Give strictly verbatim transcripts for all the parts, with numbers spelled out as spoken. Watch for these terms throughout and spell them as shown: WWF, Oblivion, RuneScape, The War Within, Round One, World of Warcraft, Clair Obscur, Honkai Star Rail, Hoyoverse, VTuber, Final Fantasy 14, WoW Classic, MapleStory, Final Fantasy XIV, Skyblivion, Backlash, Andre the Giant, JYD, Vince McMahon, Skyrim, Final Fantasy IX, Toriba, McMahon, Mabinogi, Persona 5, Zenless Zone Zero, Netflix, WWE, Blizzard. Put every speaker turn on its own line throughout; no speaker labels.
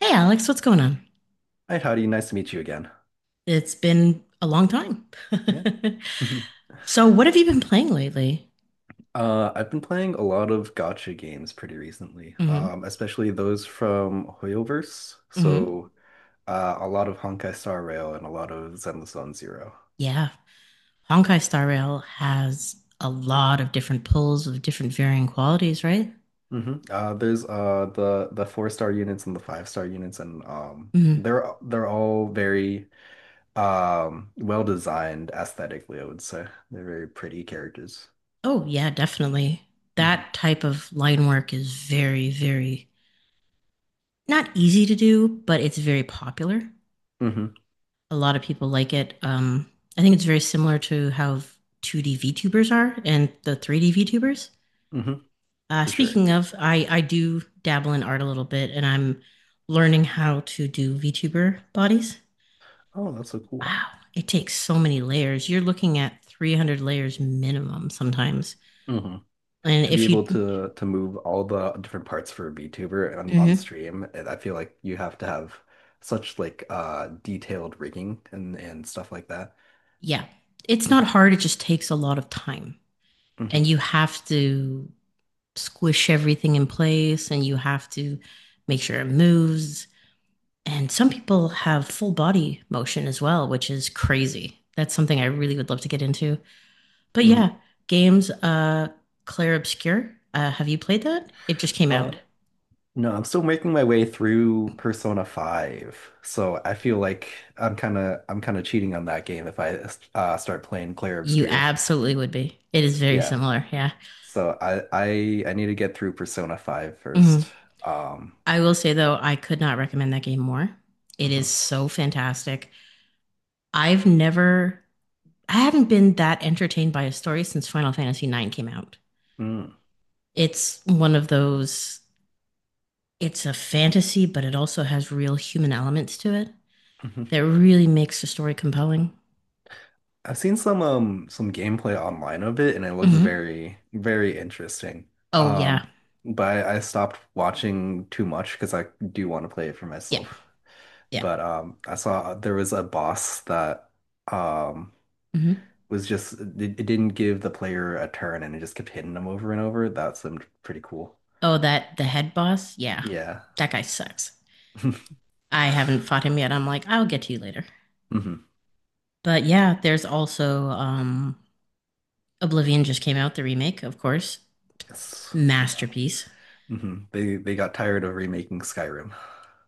Hey, Alex, what's going on?
Hi, Howdy. Nice to meet you again.
It's been a long time.
Yeah.
So, what have you been playing lately?
Uh, I've been playing a lot of gotcha games pretty recently,
Hmm
um, especially those from Hoyoverse.
hmm
So, uh, a lot of Honkai Star Rail and a lot of Zenless Zone zero.
Yeah. Honkai Star Rail has a lot of different pulls of different varying qualities, right?
Hmm. Uh, there's uh the the four star units and the five star units, and um,
hmm
they're they're all very um well designed aesthetically, I would say. They're very pretty characters.
Oh, yeah, definitely. That
Hmm.
type of line work is very, very not easy to do, but it's very popular.
Hmm.
A lot of people like it. Um, I think it's very similar to how two D VTubers are and the three D VTubers.
Hmm.
Uh,
For sure.
speaking of, I I do dabble in art a little bit, and I'm learning how to do VTuber bodies.
Oh, that's so cool.
Wow, it takes so many layers. You're looking at three hundred layers minimum sometimes.
Hmm.
And
To be
if you,
able to to move all the different parts for a VTuber on, on
Mhm.
stream, and I feel like you have to have such like uh detailed rigging and and stuff like that.
Yeah, it's not
Hmm.
hard. It just takes a lot of time, and
Hmm.
you have to squish everything in place, and you have to make sure it moves. And some people have full body motion as well, which is crazy. That's something I really would love to get into. But yeah,
Hmm.
games uh Clair Obscur. Uh, have you played that? It just came
Uh
out.
no, I'm still making my way through Persona five. So I feel like I'm kind of I'm kind of cheating on that game if I uh, start playing Clair
You
Obscur.
absolutely would be. It is very
Yeah.
similar, yeah.
So I I I need to get through Persona Five
Mhm.
first. Um.
I will say though, I could not recommend that game more. It is
Mhm.
so fantastic. I've never I haven't been that entertained by a story since Final Fantasy nine came out.
Mm.
It's one of those, it's a fantasy, but it also has real human elements to it
Mhm.
that really makes the story compelling.
I've seen some um some gameplay online of it and it looks
Hmm
very very interesting.
Oh yeah.
Um, but I, I stopped watching too much because I do want to play it for
Yeah.
myself.
Yeah.
But um I saw there was a boss that um
Mhm.
was just it, it didn't give the player a turn and it just kept hitting them over and over. That seemed pretty cool.
Oh, that the head boss? Yeah.
Yeah.
That guy sucks. I haven't fought him yet. I'm like, I'll get to you later.
Hmm.
But yeah, there's also um Oblivion just came out, the remake, of course.
Yes.
Masterpiece,
Hmm. They they got tired of remaking Skyrim.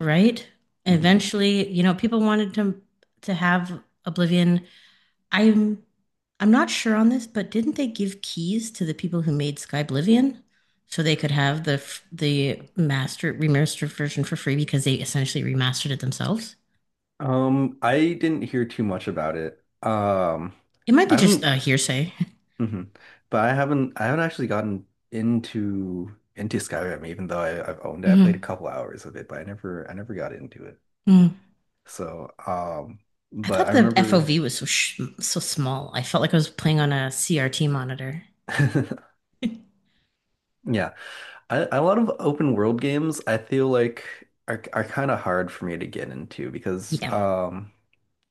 right?
Mm-hmm.
Eventually, you know, people wanted to to have Oblivion. I'm I'm not sure on this, but didn't they give keys to the people who made Skyblivion so they could have the f- the master remastered version for free because they essentially remastered it themselves?
Um, I didn't hear too much about it. Um,
It might be
I
just
haven't,
uh, hearsay.
Mhm. But I haven't, I haven't actually gotten into into Skyrim, even though I, I've owned it. I played a
Mhm.
couple hours of it, but I never, I never got into it.
Mm.
So, um,
I
but
thought
I
the F O V
remember,
was so sh- so small. I felt like I was playing on a C R T monitor.
yeah, I, a lot of open world games I feel like are are kind of hard for me to get into because,
Yeah.
um,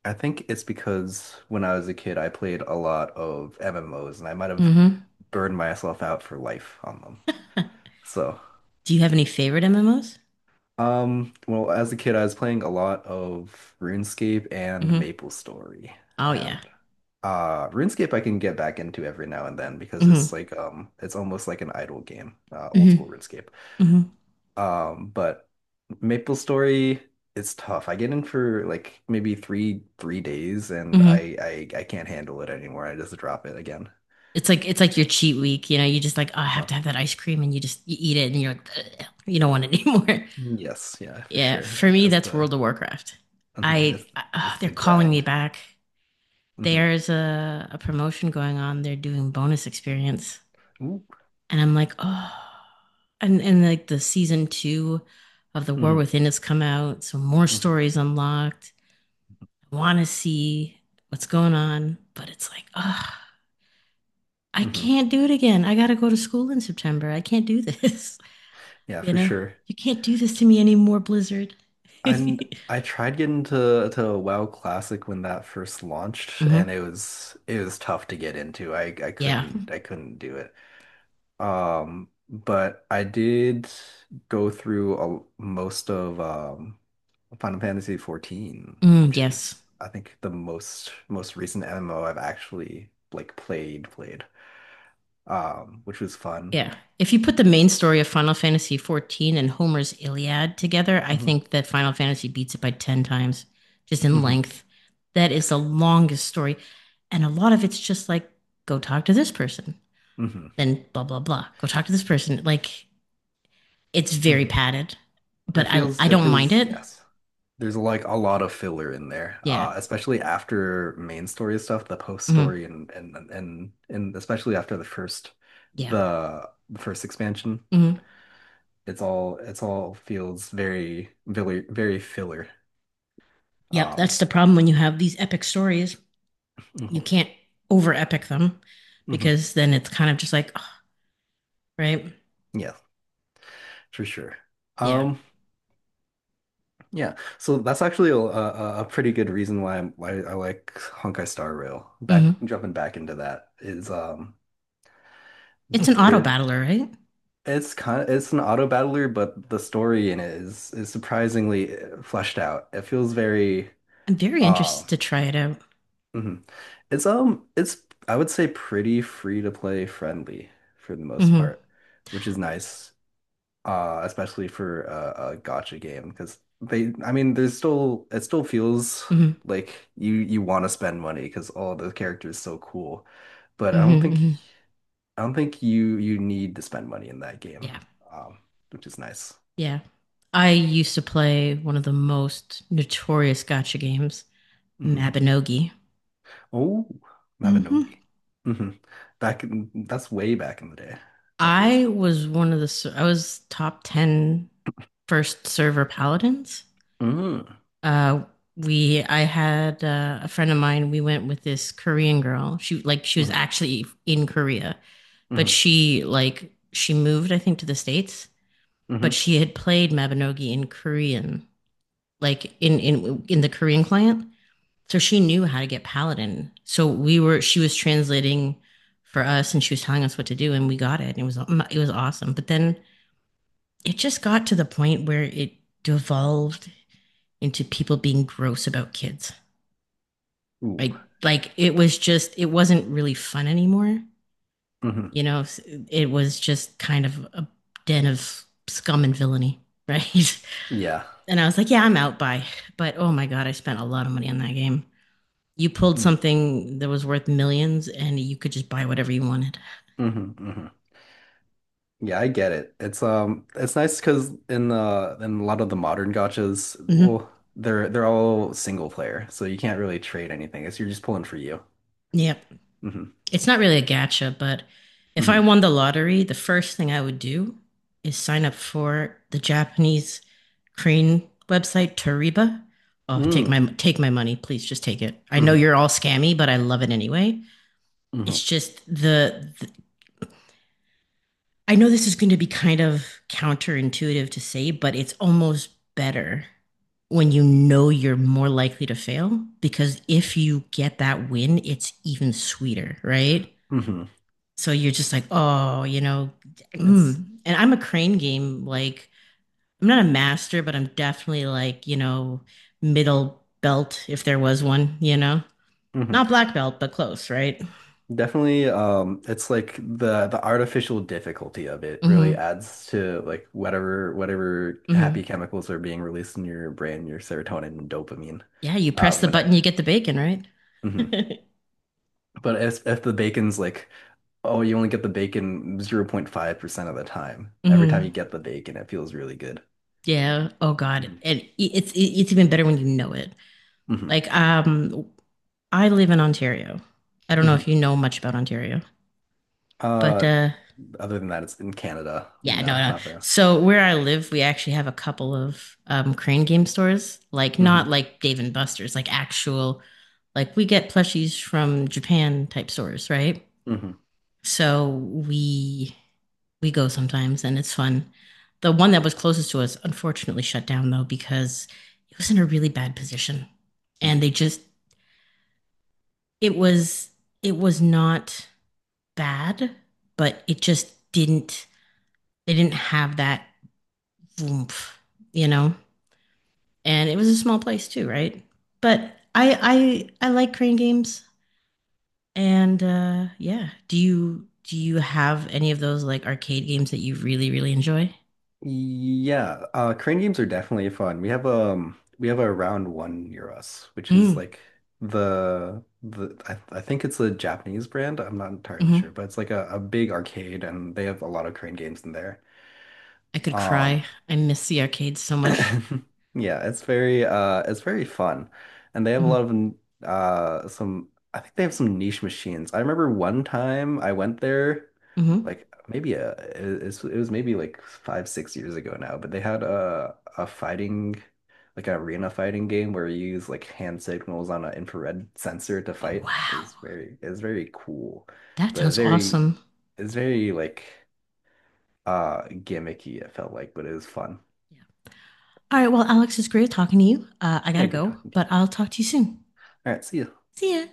I think it's because when I was a kid I played a lot of M M Os and I might have
hmm
burn myself out for life on them. So,
Do you have any favorite M M Os?
um, well, as a kid, I was playing a lot of RuneScape and
Mm-hmm.
MapleStory.
Oh yeah.
And uh RuneScape I can get back into every now and then because
hmm
it's like um it's almost like an idle game, uh old
hmm
school RuneScape.
hmm
Um, but MapleStory it's tough. I get in for like maybe three three days and
hmm
I I I can't handle it anymore. I just drop it again.
It's like it's like your cheat week. You know, you just like, oh, I have
Uh,
to have that ice cream, and you just you eat it, and you're like, "Ugh, you don't want it anymore."
yes, yeah, for
Yeah.
sure.
For me,
As
that's
the.
World of Warcraft.
Hmm.
I,
It's
I oh,
it's
they're
the
calling me
grind.
back.
Hmm.
There's a, a promotion going on. They're doing bonus experience
Ooh.
and I'm like, oh, and and like the season two of The War
Hmm.
Within has come out, so more
Hmm.
stories unlocked. I want to see what's going on, but it's like, oh, I
Hmm.
can't do it again. I got to go to school in September. I can't do this.
Yeah,
You
for
know,
sure.
you can't do this to me anymore, Blizzard. hmm
And I tried getting to to WoW Classic when that first launched, and it was it was tough to get into. I I
Yeah.
couldn't I couldn't do it. Um, but I did go through a, most of um Final Fantasy fourteen,
Mm,
which
yes.
is I think the most most recent M M O I've actually like played played. Um, which was fun.
Yeah. If you put the main story of Final Fantasy fourteen and Homer's Iliad together, I
Hmm.
think that Final Fantasy beats it by ten times, just in length. That is the longest story. And a lot of it's just like, go talk to this person,
Hmm.
then blah, blah, blah. Go talk to this person. Like, it's very padded, but
It
I,
feels
I
it
don't mind
feels
it.
yes. There's like a lot of filler in there,
Yeah.
uh, especially after main story stuff, the post
hmm
story, and and and and especially after the first
Yeah.
the the first expansion.
hmm
It's all it's all feels very very very filler.
Yep. That's
Um.
the problem when you have these epic stories. You
Mhm.
can't over epic them
Mhm.
because then it's kind of just like, oh, right?
Yeah, for sure.
Yeah.
Um, yeah. So that's actually a, a, a pretty good reason why, I'm, why I like Honkai Star Rail. Back
hmm
jumping back into that is um.
It's an auto
There.
battler, right?
It's kind of it's an auto battler, but the story in it is is surprisingly uh, fleshed out. It feels very
I'm very
uh.
interested to try it out.
Mhm. It's um it's, I would say, pretty free to play friendly for the most
Mm-hmm,
part, which is nice. Uh, especially for a, a gotcha game because they I mean there's still it still feels
mm-hmm,
like you you want to spend money because all the characters so cool. But I don't
mm-hmm.
think
hmm
I don't think you you need to spend money in that game.
Yeah,
Um, which is nice.
yeah. I used to play one of the most notorious gotcha games,
Hmm.
Mabinogi.
Oh,
Mm-hmm.
Mabinogi. Hmm. Back in, that's way back in the day. That feels.
I was one of the I was top ten first server paladins.
Mm.
Uh, we I had uh, a friend of mine, we went with this Korean girl. She like she was
Hmm.
actually in Korea, but
Hmm.
she like she moved I think to the states, but
Hmm.
she had played Mabinogi in Korean, like in in in the Korean client, so she knew how to get Paladin. So we were she was translating for us, and she was telling us what to do, and we got it. And it was um, it was awesome. But then it just got to the point where it devolved into people being gross about kids.
Ooh.
Like like it was just it wasn't really fun anymore.
Hmm.
You know, it was just kind of a den of scum and villainy, right?
Yeah.
And I was like, yeah,
For
I'm
sure.
out by. But oh my God, I spent a lot of money on that game. You pulled
Mm.
something that was worth millions and you could just buy whatever you wanted.
Hmm. Hmm. Yeah, I get it. It's um, it's nice because in the in a lot of the modern gotchas,
Mm-hmm.
well, they're they're all single player, so you can't really trade anything. It's you're just pulling for you.
Yep.
Hmm.
It's not really a gacha, but if I
Hmm.
won the lottery, the first thing I would do is sign up for the Japanese crane website, Toriba. Oh, take my
Mm.
take my money, please. Just take it. I know
Hmm.
you're all scammy, but I love it anyway. It's
Hmm.
just the, I know this is going to be kind of counterintuitive to say, but it's almost better when you know you're more likely to fail because if you get that win, it's even sweeter, right?
Hmm.
So you're just like, oh, you know,
It's.
mm, and I'm a crane game. Like, I'm not a master, but I'm definitely like, you know, middle belt if there was one, you know,
Mhm.
not black belt, but close, right?
Definitely, um, it's like the the artificial difficulty of it really
Mm-hmm.
adds to like whatever whatever
Mm-hmm.
happy chemicals are being released in your brain, your serotonin and dopamine.
Yeah, you
Uh,
press the
when I,
button, you get the bacon, right?
mhm. But if if the bacon's like, oh, you only get the bacon zero point five percent of the time. Every time
Mm-hmm.
you get the bacon, it feels really good.
Yeah. Oh God.
Hmm.
And i- it's it's even better when you know it.
Hmm.
Like, um, I live in Ontario. I don't know
Hmm.
if you know much about Ontario, but
Uh,
uh,
other than that, it's in Canada.
yeah, no,
No,
no.
not very.
So where I live, we actually have a couple of um crane game stores. Like, not
Hmm.
like Dave and Buster's, like actual, like we get plushies from Japan type stores, right?
Hmm.
So we we go sometimes and it's fun. The one that was closest to us unfortunately shut down though because it was in a really bad position. And they just it was it was not bad, but it just didn't they didn't have that oomph, you know? And it was a small place too, right? But I I I like crane games and uh yeah, do you do you have any of those like arcade games that you really really enjoy?
Yeah, uh, crane games are definitely fun. We have um we have a round one near us, which is
Mm.
like the the I, I think it's a Japanese brand. I'm not entirely
hmm
sure, but it's like a, a big arcade and they have a lot of crane games in there.
I could
Um.
cry. I miss the arcade so much.
Yeah, it's very uh it's very fun. And they have a
Hmm
lot of n- uh some, I think they have some niche machines. I remember one time I went there
hmm
like maybe a it, it's- it was maybe like five, six years ago now, but they had a a fighting, like an arena fighting game where you use like hand signals on an infrared sensor to
Oh,
fight. It
wow.
was very it's very cool,
That
but
sounds
very
awesome.
it's very like uh, gimmicky it felt like, but it was fun.
Yeah. All right. Well, Alex, it's great talking to you. Uh, I got
Yeah,
to
good
go,
talking to
but
you.
I'll talk to you soon.
All right, see you.
See ya.